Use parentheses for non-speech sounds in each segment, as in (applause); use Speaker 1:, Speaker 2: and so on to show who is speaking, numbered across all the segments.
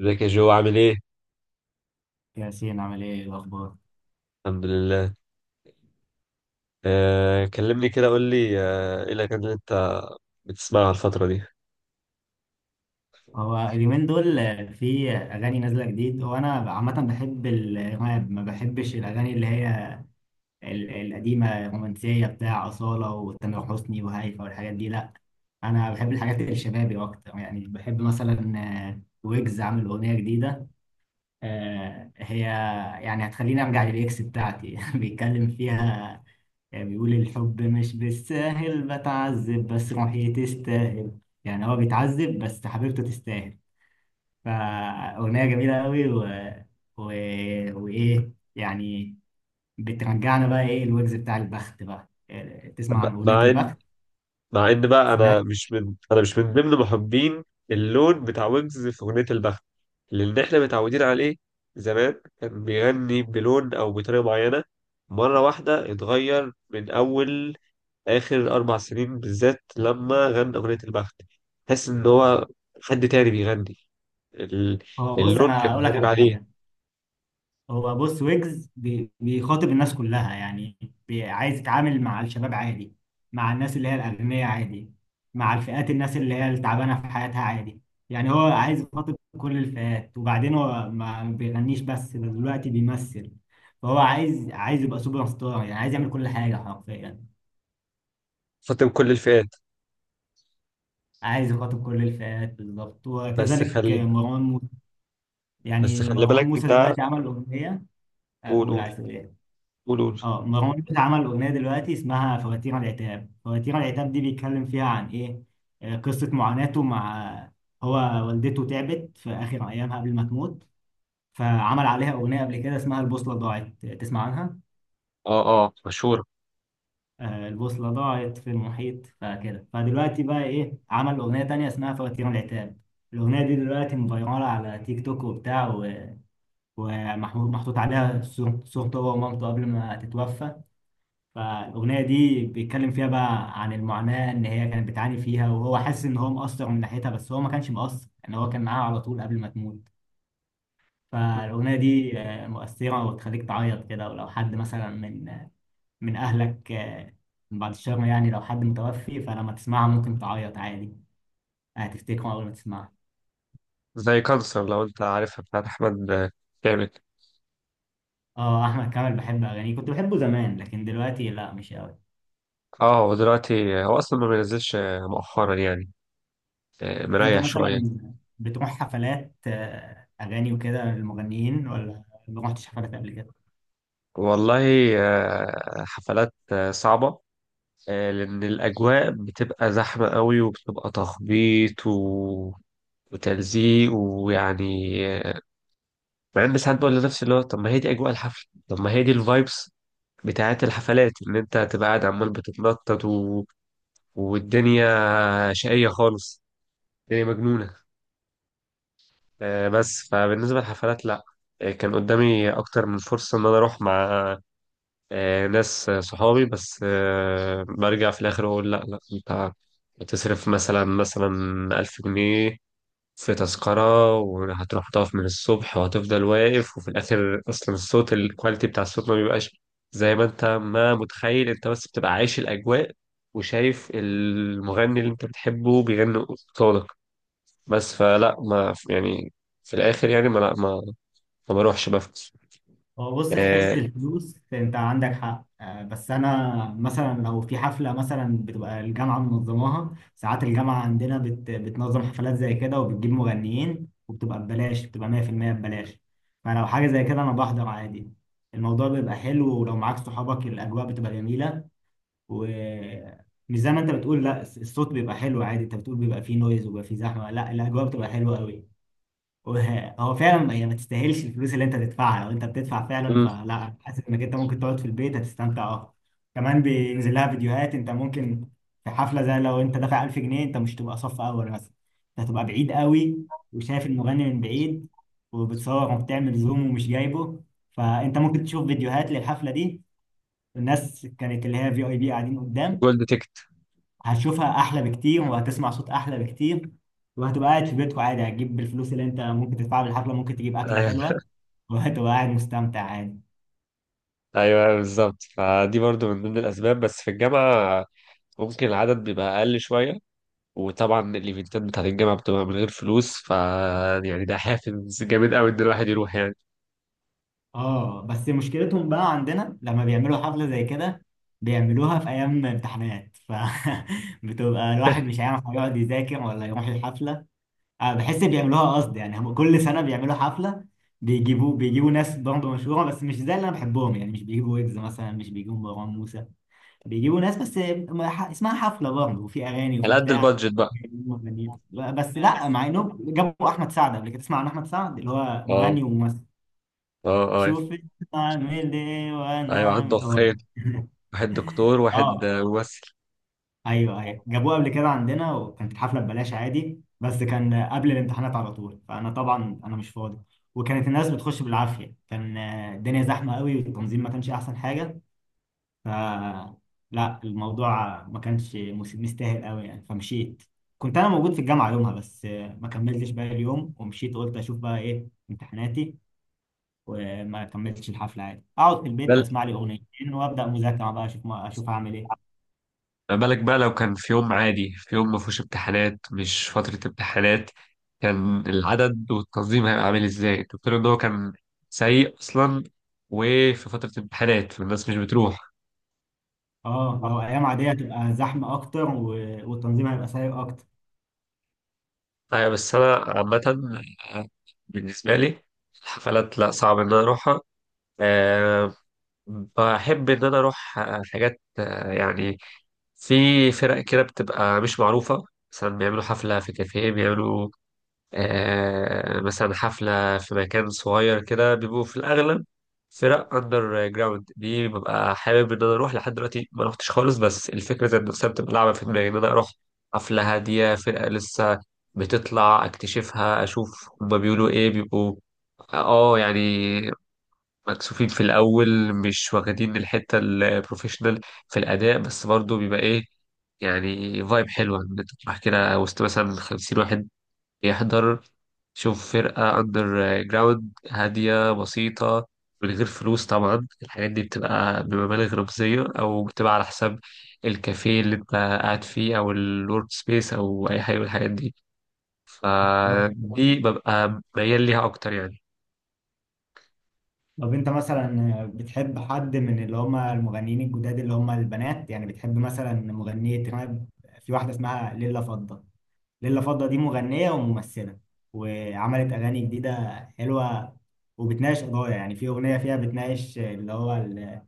Speaker 1: ازيك يا جو، عامل ايه؟
Speaker 2: ياسين عامل ايه؟ إيه الاخبار؟
Speaker 1: الحمد لله. كلمني كده، قول لي، ايه الاغاني اللي انت بتسمعها الفترة دي؟
Speaker 2: هو اليومين دول في اغاني نازله جديد. هو انا عامه بحب الراب، ما بحبش الاغاني اللي هي القديمه الرومانسيه بتاع اصاله وتامر حسني وهيفا والحاجات دي، لا انا بحب الحاجات الشبابي اكتر. يعني بحب مثلا، ويجز عامل اغنيه جديده. هي يعني هتخليني ارجع للاكس بتاعتي (laughs) بيتكلم فيها، يعني بيقول الحب مش بالساهل بتعذب بس روحي تستاهل. يعني هو بيتعذب بس حبيبته تستاهل. فأغنية جميلة قوي و... و... وإيه يعني، بترجعنا بقى. إيه الوجز بتاع البخت بقى؟ إيه، تسمع
Speaker 1: ب-
Speaker 2: عن أغنية
Speaker 1: مع ان
Speaker 2: البخت؟
Speaker 1: مع ان بقى انا
Speaker 2: سمعت.
Speaker 1: مش من ضمن محبين اللون بتاع ويجز في اغنية البخت، لان احنا متعودين عليه. زمان كان بيغني بلون او بطريقة معينة، مرة واحدة اتغير. من اول اخر اربع سنين بالذات لما غنى اغنية البخت تحس ان هو حد تاني بيغني. ال-
Speaker 2: هو بص،
Speaker 1: اللون
Speaker 2: أنا
Speaker 1: كان
Speaker 2: أقول لك
Speaker 1: غريب
Speaker 2: على حاجة.
Speaker 1: عليه.
Speaker 2: هو بص ويجز بيخاطب الناس كلها يعني، عايز يتعامل مع الشباب عادي، مع الناس اللي هي الأغنياء عادي، مع الفئات الناس اللي هي التعبانة في حياتها عادي. يعني هو عايز يخاطب كل الفئات، وبعدين هو ما بيغنيش بس ده، دلوقتي بيمثل. فهو عايز يبقى سوبر ستار، يعني عايز يعمل كل حاجة حرفيا.
Speaker 1: خاطب كل الفئات.
Speaker 2: عايز يخاطب كل الفئات بالظبط،
Speaker 1: بس
Speaker 2: وكذلك
Speaker 1: خلي
Speaker 2: مروان موسى.
Speaker 1: بس
Speaker 2: يعني
Speaker 1: خلي
Speaker 2: مروان
Speaker 1: بالك
Speaker 2: موسى
Speaker 1: ده.
Speaker 2: دلوقتي عمل أغنية.
Speaker 1: قول،
Speaker 2: أقول،
Speaker 1: قول،
Speaker 2: عايز تقول إيه؟
Speaker 1: قول، قول.
Speaker 2: اه، مروان موسى عمل اغنيه دلوقتي اسمها فواتير العتاب. فواتير العتاب دي بيتكلم فيها عن ايه؟ قصه معاناته مع، هو والدته تعبت في اخر ايامها قبل ما تموت. فعمل عليها اغنيه قبل كده اسمها البوصله ضاعت، تسمع عنها؟
Speaker 1: اه، اه، مشهورة.
Speaker 2: البوصله ضاعت في المحيط، فكده. فدلوقتي بقى ايه، عمل اغنيه تانية اسمها فواتير العتاب. الاغنيه دي دلوقتي مفيراله على تيك توك وبتاع، ومحمود محطوط عليها صورته هو ومامته قبل ما تتوفى. فالاغنيه دي بيتكلم فيها بقى عن المعاناه ان هي كانت بتعاني فيها، وهو حاسس ان هو مقصر من ناحيتها، بس هو ما كانش مقصر ان هو كان معاها على طول قبل ما تموت. فالاغنيه دي مؤثره وتخليك تعيط كده، ولو حد مثلا من من اهلك، من بعد الشر، يعني لو حد متوفي، فلما تسمعها ممكن تعيط عادي، هتفتكره اول ما تسمعها.
Speaker 1: زي كانسر لو انت عارفها، بتاعت احمد كامل.
Speaker 2: اه، احمد كامل بحب اغانيه، كنت بحبه زمان، لكن دلوقتي لا مش قوي.
Speaker 1: اه، هو دلوقتي هو اصلا ما بينزلش مؤخرا يعني.
Speaker 2: انت
Speaker 1: مريح شوية.
Speaker 2: مثلا بتروح حفلات اغاني وكده للمغنيين، ولا ما رحتش حفلات قبل كده؟
Speaker 1: والله، حفلات، صعبة. لأن الأجواء بتبقى زحمة قوي، وبتبقى تخبيط وتلزيق، ويعني. آه، مع إن ساعات بقول لنفسي اللي هو طب ما هي دي أجواء الحفل، طب ما هي دي الفايبس بتاعت الحفلات، ان انت هتبقى قاعد عمال بتتنطط والدنيا شقية خالص، الدنيا مجنونة. بس فبالنسبة للحفلات لا. كان قدامي اكتر من فرصة ان انا اروح مع ناس، صحابي، بس برجع في الاخر اقول لا لا، انت هتصرف مثلا 1000 جنيه في تذكرة، وهتروح تقف من الصبح وهتفضل واقف، وفي الآخر أصلا الصوت، الكواليتي بتاع الصوت ما بيبقاش زي ما أنت ما متخيل. أنت بس بتبقى عايش الأجواء وشايف المغني اللي أنت بتحبه بيغني قصادك. بس فلا، ما يعني، في الآخر يعني، ما لا ما ما بروحش بفكس.
Speaker 2: هو بص، في
Speaker 1: آه،
Speaker 2: حتة الفلوس انت عندك حق، بس انا مثلا لو في حفلة مثلا بتبقى الجامعة منظماها. ساعات الجامعة عندنا بتنظم حفلات زي كده وبتجيب مغنيين وبتبقى ببلاش، بتبقى 100% ببلاش. فلو حاجة زي كده انا بحضر عادي. الموضوع بيبقى حلو، ولو معاك صحابك الاجواء بتبقى جميلة. ومش زي ما انت بتقول لا، الصوت بيبقى حلو عادي. انت بتقول بيبقى فيه نويز وبيبقى فيه زحمة، لا الاجواء بتبقى حلوة قوي. (laughs) هو فعلا هي ما تستاهلش الفلوس اللي انت تدفعها لو انت بتدفع فعلا،
Speaker 1: مم،
Speaker 2: فلا، حاسس انك انت ممكن تقعد في البيت هتستمتع اكتر. كمان بينزل لها فيديوهات انت ممكن، في حفله زي لو انت دافع 1000 جنيه، انت مش تبقى صف اول مثلا، انت هتبقى بعيد قوي وشايف المغني من بعيد، وبتصور وبتعمل زوم ومش جايبه. فانت ممكن تشوف فيديوهات للحفله دي الناس كانت اللي هي في اي بي قاعدين قدام،
Speaker 1: جولد تيكت.
Speaker 2: هتشوفها احلى بكتير وهتسمع صوت احلى بكتير، وهتبقى قاعد في بيتكم عادي. هتجيب بالفلوس اللي انت ممكن تدفعها بالحفله، ممكن تجيب اكله
Speaker 1: أيوه.
Speaker 2: حلوه وهتبقى قاعد مستمتع عادي.
Speaker 1: أيوة، بالظبط. فدي برضو من ضمن الأسباب، بس في الجامعة ممكن العدد بيبقى أقل شوية، وطبعا الايفنتات بتاعت الجامعه بتبقى من غير فلوس، ف يعني ده حافز جامد قوي ان الواحد يروح يعني.
Speaker 2: اه بس مشكلتهم بقى عندنا لما بيعملوا حفله زي كده، بيعملوها في ايام امتحانات. ف (laughs) بتبقى الواحد مش
Speaker 1: (laughs)
Speaker 2: عارف هيقعد يذاكر ولا يروح الحفله. أه بحس بيعملوها قصد يعني. هم كل سنه بيعملوا حفله، بيجيبوا ناس برضه مشهوره، بس مش زي اللي انا بحبهم يعني. مش بيجيبوا ويجز مثلا، مش بيجيبوا مروان موسى، بيجيبوا ناس بس اسمها حفله برضه وفي اغاني وفي
Speaker 1: على قد
Speaker 2: بتاع.
Speaker 1: البادجت بقى.
Speaker 2: بيجيبوا مغنيين. بس لا، مع انهم جابوا احمد سعد قبل كده، تسمع عن احمد سعد اللي هو
Speaker 1: اه،
Speaker 2: مغني وممثل؟
Speaker 1: اه، اه،
Speaker 2: شوف اعمل ايه وانا
Speaker 1: ايوه عنده
Speaker 2: اعمل هو.
Speaker 1: اخين،
Speaker 2: (laughs)
Speaker 1: واحد دكتور واحد
Speaker 2: اه
Speaker 1: ممثل.
Speaker 2: ايوه ايوه، جابوه قبل كده عندنا وكانت الحفله ببلاش عادي، بس كان قبل الامتحانات على طول، فانا طبعا انا مش فاضي. وكانت الناس بتخش بالعافيه، كان الدنيا زحمه قوي والتنظيم ما كانش احسن حاجه. ف لا، الموضوع ما كانش مستاهل قوي يعني، فمشيت. كنت انا موجود في الجامعه يومها، بس ما كملتش بقى اليوم ومشيت. قلت اشوف بقى ايه امتحاناتي وما كملتش الحفله. عادي، اقعد في البيت
Speaker 1: بل
Speaker 2: اسمع لي اغنيتين وابدا مذاكره بقى، اشوف ما اشوف هعمل ايه.
Speaker 1: بالك بقى لو كان في يوم عادي، في يوم ما فيهوش امتحانات، مش فترة امتحانات، كان العدد والتنظيم هيبقى عامل ازاي؟ الدكتور ان هو كان سيء اصلا، وفي فترة امتحانات فالناس مش بتروح.
Speaker 2: اه لو ايام عاديه هتبقى زحمه اكتر والتنظيم هيبقى سيء اكتر.
Speaker 1: أيوة، بس أنا عامة بالنسبة لي الحفلات لا، صعب إن أنا أروحها. أه، بحب إن أنا أروح حاجات، يعني في فرق كده بتبقى مش معروفة، مثلا بيعملوا حفلة في كافيه، بيعملوا مثلا حفلة في مكان صغير كده، بيبقوا في الأغلب فرق أندر جراوند. دي ببقى حابب إن أنا أروح، لحد دلوقتي ما روحتش خالص، بس الفكرة ذات نفسها بتبقى لعبة في دماغي إن أنا أروح حفلة هادية، فرقة لسه بتطلع أكتشفها، أشوف هما بيقولوا إيه، بيبقوا آه يعني مكسوفين في الأول، مش واخدين الحتة البروفيشنال في الأداء، بس برضه بيبقى إيه يعني، فايب حلوة إن أنت تروح كده وسط مثلا 50 واحد يحضر، شوف فرقة أندر جراوند هادية بسيطة من غير فلوس. طبعا الحاجات دي بتبقى بمبالغ رمزية، أو بتبقى على حساب الكافيه اللي أنت قاعد فيه، أو الورك سبيس، أو أي حاجة من الحاجات دي.
Speaker 2: طب
Speaker 1: فدي ببقى ميال ليها أكتر يعني.
Speaker 2: طب انت مثلا بتحب حد من اللي هم المغنيين الجداد اللي هم البنات؟ يعني بتحب مثلا مغنيه راب. في واحده اسمها ليلى فضة. ليلة فضة دي مغنية وممثلة، وعملت أغاني جديدة حلوة، وبتناقش قضايا. يعني في أغنية فيها بتناقش اللي هو ال-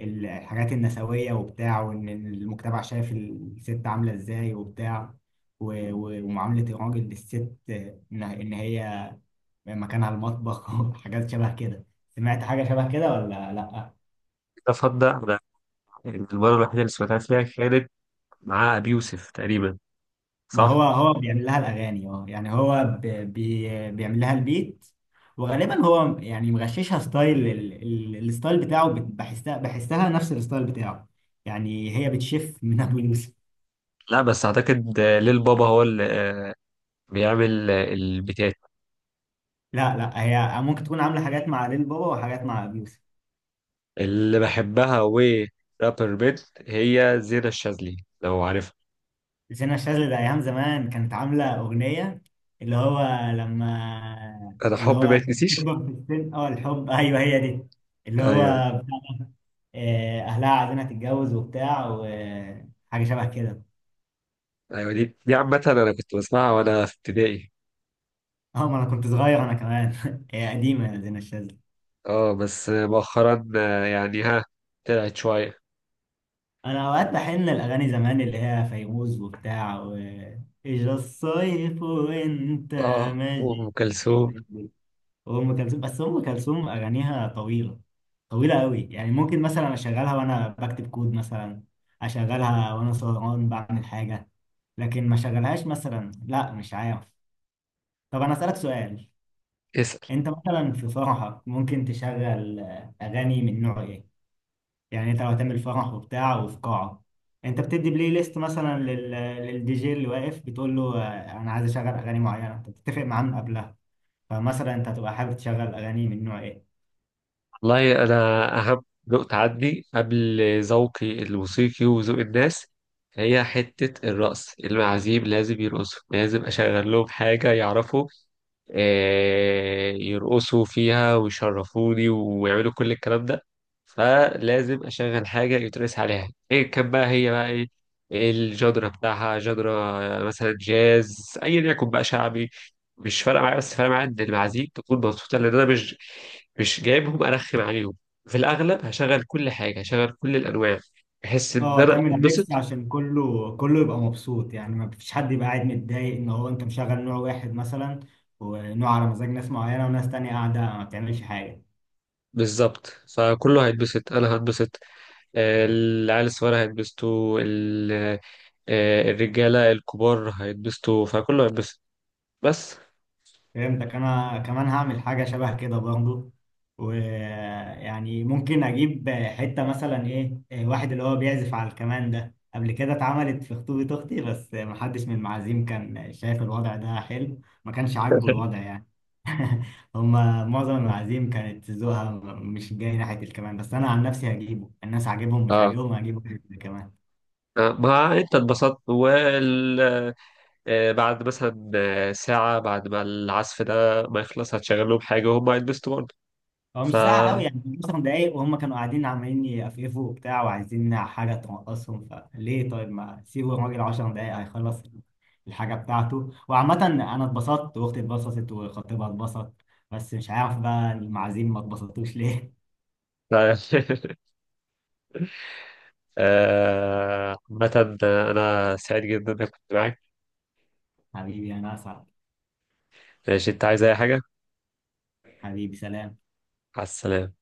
Speaker 2: ال- الحاجات النسوية وبتاع، وإن المجتمع شايف الست عاملة إزاي وبتاع، ومعاملة الراجل للست، إن هي مكانها المطبخ (laughs) وحاجات شبه كده. سمعت حاجة شبه كده ولا لأ؟
Speaker 1: أفضل. أنا المرة الوحيدة اللي سمعتها فيها كانت مع أبي يوسف تقريبا،
Speaker 2: ما هو
Speaker 1: صح؟
Speaker 2: هو بيعمل لها الاغاني. اه يعني هو ب- بي بيعمل لها البيت، وغالبا هو يعني مغششها ستايل الستايل بتاعه، بحسها نفس الستايل بتاعه. يعني هي بتشف من ابو يوسف.
Speaker 1: لا، بس أعتقد ليل بابا هو اللي بيعمل البيتات
Speaker 2: لا هي ممكن تكون عامله حاجات مع ليل بابا وحاجات مع ابو يوسف.
Speaker 1: اللي بحبها، و رابر بيت، هي زينة الشاذلي لو عارفها.
Speaker 2: زينة الشاذلي ده ايام زمان كانت عامله اغنيه اللي هو، لما
Speaker 1: انا
Speaker 2: اللي
Speaker 1: حبي ما
Speaker 2: هو
Speaker 1: يتنسيش.
Speaker 2: تكبر في السن، اه الحب، ايوه هي دي اللي هو،
Speaker 1: ايوه.
Speaker 2: اهلها عايزينها تتجوز وبتاع وحاجه شبه كده.
Speaker 1: ايوه دي عامة انا كنت بسمعها وانا في ابتدائي.
Speaker 2: (laughs) اه، ما انا كنت صغير انا كمان. (laughs) هي قديمه يا زينة الشاذلي.
Speaker 1: اه، بس مؤخرا يعني ها طلعت شوية.
Speaker 2: انا اوقات بحن الاغاني زمان اللي هي فيروز وبتاع و، اجا الصيف وانت
Speaker 1: اه، وام
Speaker 2: ماشي،
Speaker 1: كلثوم.
Speaker 2: وام كلثوم. بس ام كلثوم اغانيها طويله، طويله قوي. يعني ممكن مثلا اشغلها وانا بكتب كود مثلا، اشغلها وانا سهران بعمل حاجه، لكن ما اشغلهاش مثلا لا، مش عارف. طب انا اسالك سؤال، انت مثلا في فرحك ممكن تشغل اغاني من نوع ايه؟ يعني انت لو هتعمل فرح وبتاع وفي قاعة، انت بتدي بلاي ليست مثلا للدي جي اللي واقف، بتقول له انا عايز اشغل اغاني معينة، انت بتتفق معاه من قبلها. فمثلا انت هتبقى حابب تشغل اغاني من نوع ايه؟
Speaker 1: والله أنا أهم ذوق عندي قبل ذوقي الموسيقي وذوق الناس، هي حتة الرقص، المعازيم لازم يرقصوا، لازم أشغل لهم حاجة يعرفوا يرقصوا فيها ويشرفوني ويعملوا كل الكلام ده. فلازم أشغل حاجة يترقص عليها، إيه كان بقى، هي بقى إيه، إيه الجدرة بتاعها، جدرة مثلا، جاز، أيا يكن بقى، شعبي، مش فارقه معايا، بس فارقه معايا ان المعازيم تكون مبسوطه، لان انا مش جايبهم ارخم عليهم. في الاغلب هشغل كل حاجه، هشغل كل الانواع، بحس ان
Speaker 2: اه
Speaker 1: انا
Speaker 2: تعمل ميكس
Speaker 1: اتبسط.
Speaker 2: عشان كله يبقى مبسوط. يعني ما فيش حد يبقى قاعد متضايق ان هو انت مشغل نوع واحد مثلا، ونوع على مزاج ناس معينة وناس تانية قاعدة ما بتعملش حاجة.
Speaker 1: بالظبط، فكله هيتبسط، انا هتبسط، العيال الصغيره هيتبسطوا، الرجاله الكبار هيتبسطوا، فكله هيتبسط بس.
Speaker 2: فهمتك، انا كمان هعمل حاجه شبه كده برضه. ويعني ممكن اجيب حته مثلا ايه، واحد اللي هو بيعزف على الكمان ده. قبل كده اتعملت في خطوبه اختي، بس محدش من المعازيم كان شايف الوضع ده حلو، ما كانش عاجبه
Speaker 1: (laughs)
Speaker 2: الوضع يعني. (laughs) هما معظم المعازيم كانت ذوقها مش جاي ناحيه الكمان، بس انا عن نفسي هجيبه. الناس عاجبهم مش
Speaker 1: اه،
Speaker 2: عاجبهم، هجيبه كمان.
Speaker 1: ما انت اتبسطت وال بعد مثلا ساعة بعد ما العزف ده ما يخلص هتشغل لهم حاجة وهم هيتبسطوا برضه.
Speaker 2: هو مش
Speaker 1: ف
Speaker 2: ساعة قوي يعني، كان 10 دقايق، وهم كانوا قاعدين عمالين يقفقفوا وبتاع وعايزين حاجة تنقصهم. فليه؟ طيب ما سيبوا الراجل 10 دقايق هيخلص الحاجة بتاعته. وعامة أنا اتبسطت وأختي اتبسطت وخطيبها اتبسط، بس مش عارف بقى المعازيم ما اتبسطوش ليه.
Speaker 1: لا. (laughs) عامة أنا سعيد جدا إني كنت معاك.
Speaker 2: (laughs) حبيبي أنا أسعد.
Speaker 1: ماشي، أنت عايز أي حاجة؟
Speaker 2: حبيبي سلام.
Speaker 1: على السلامة.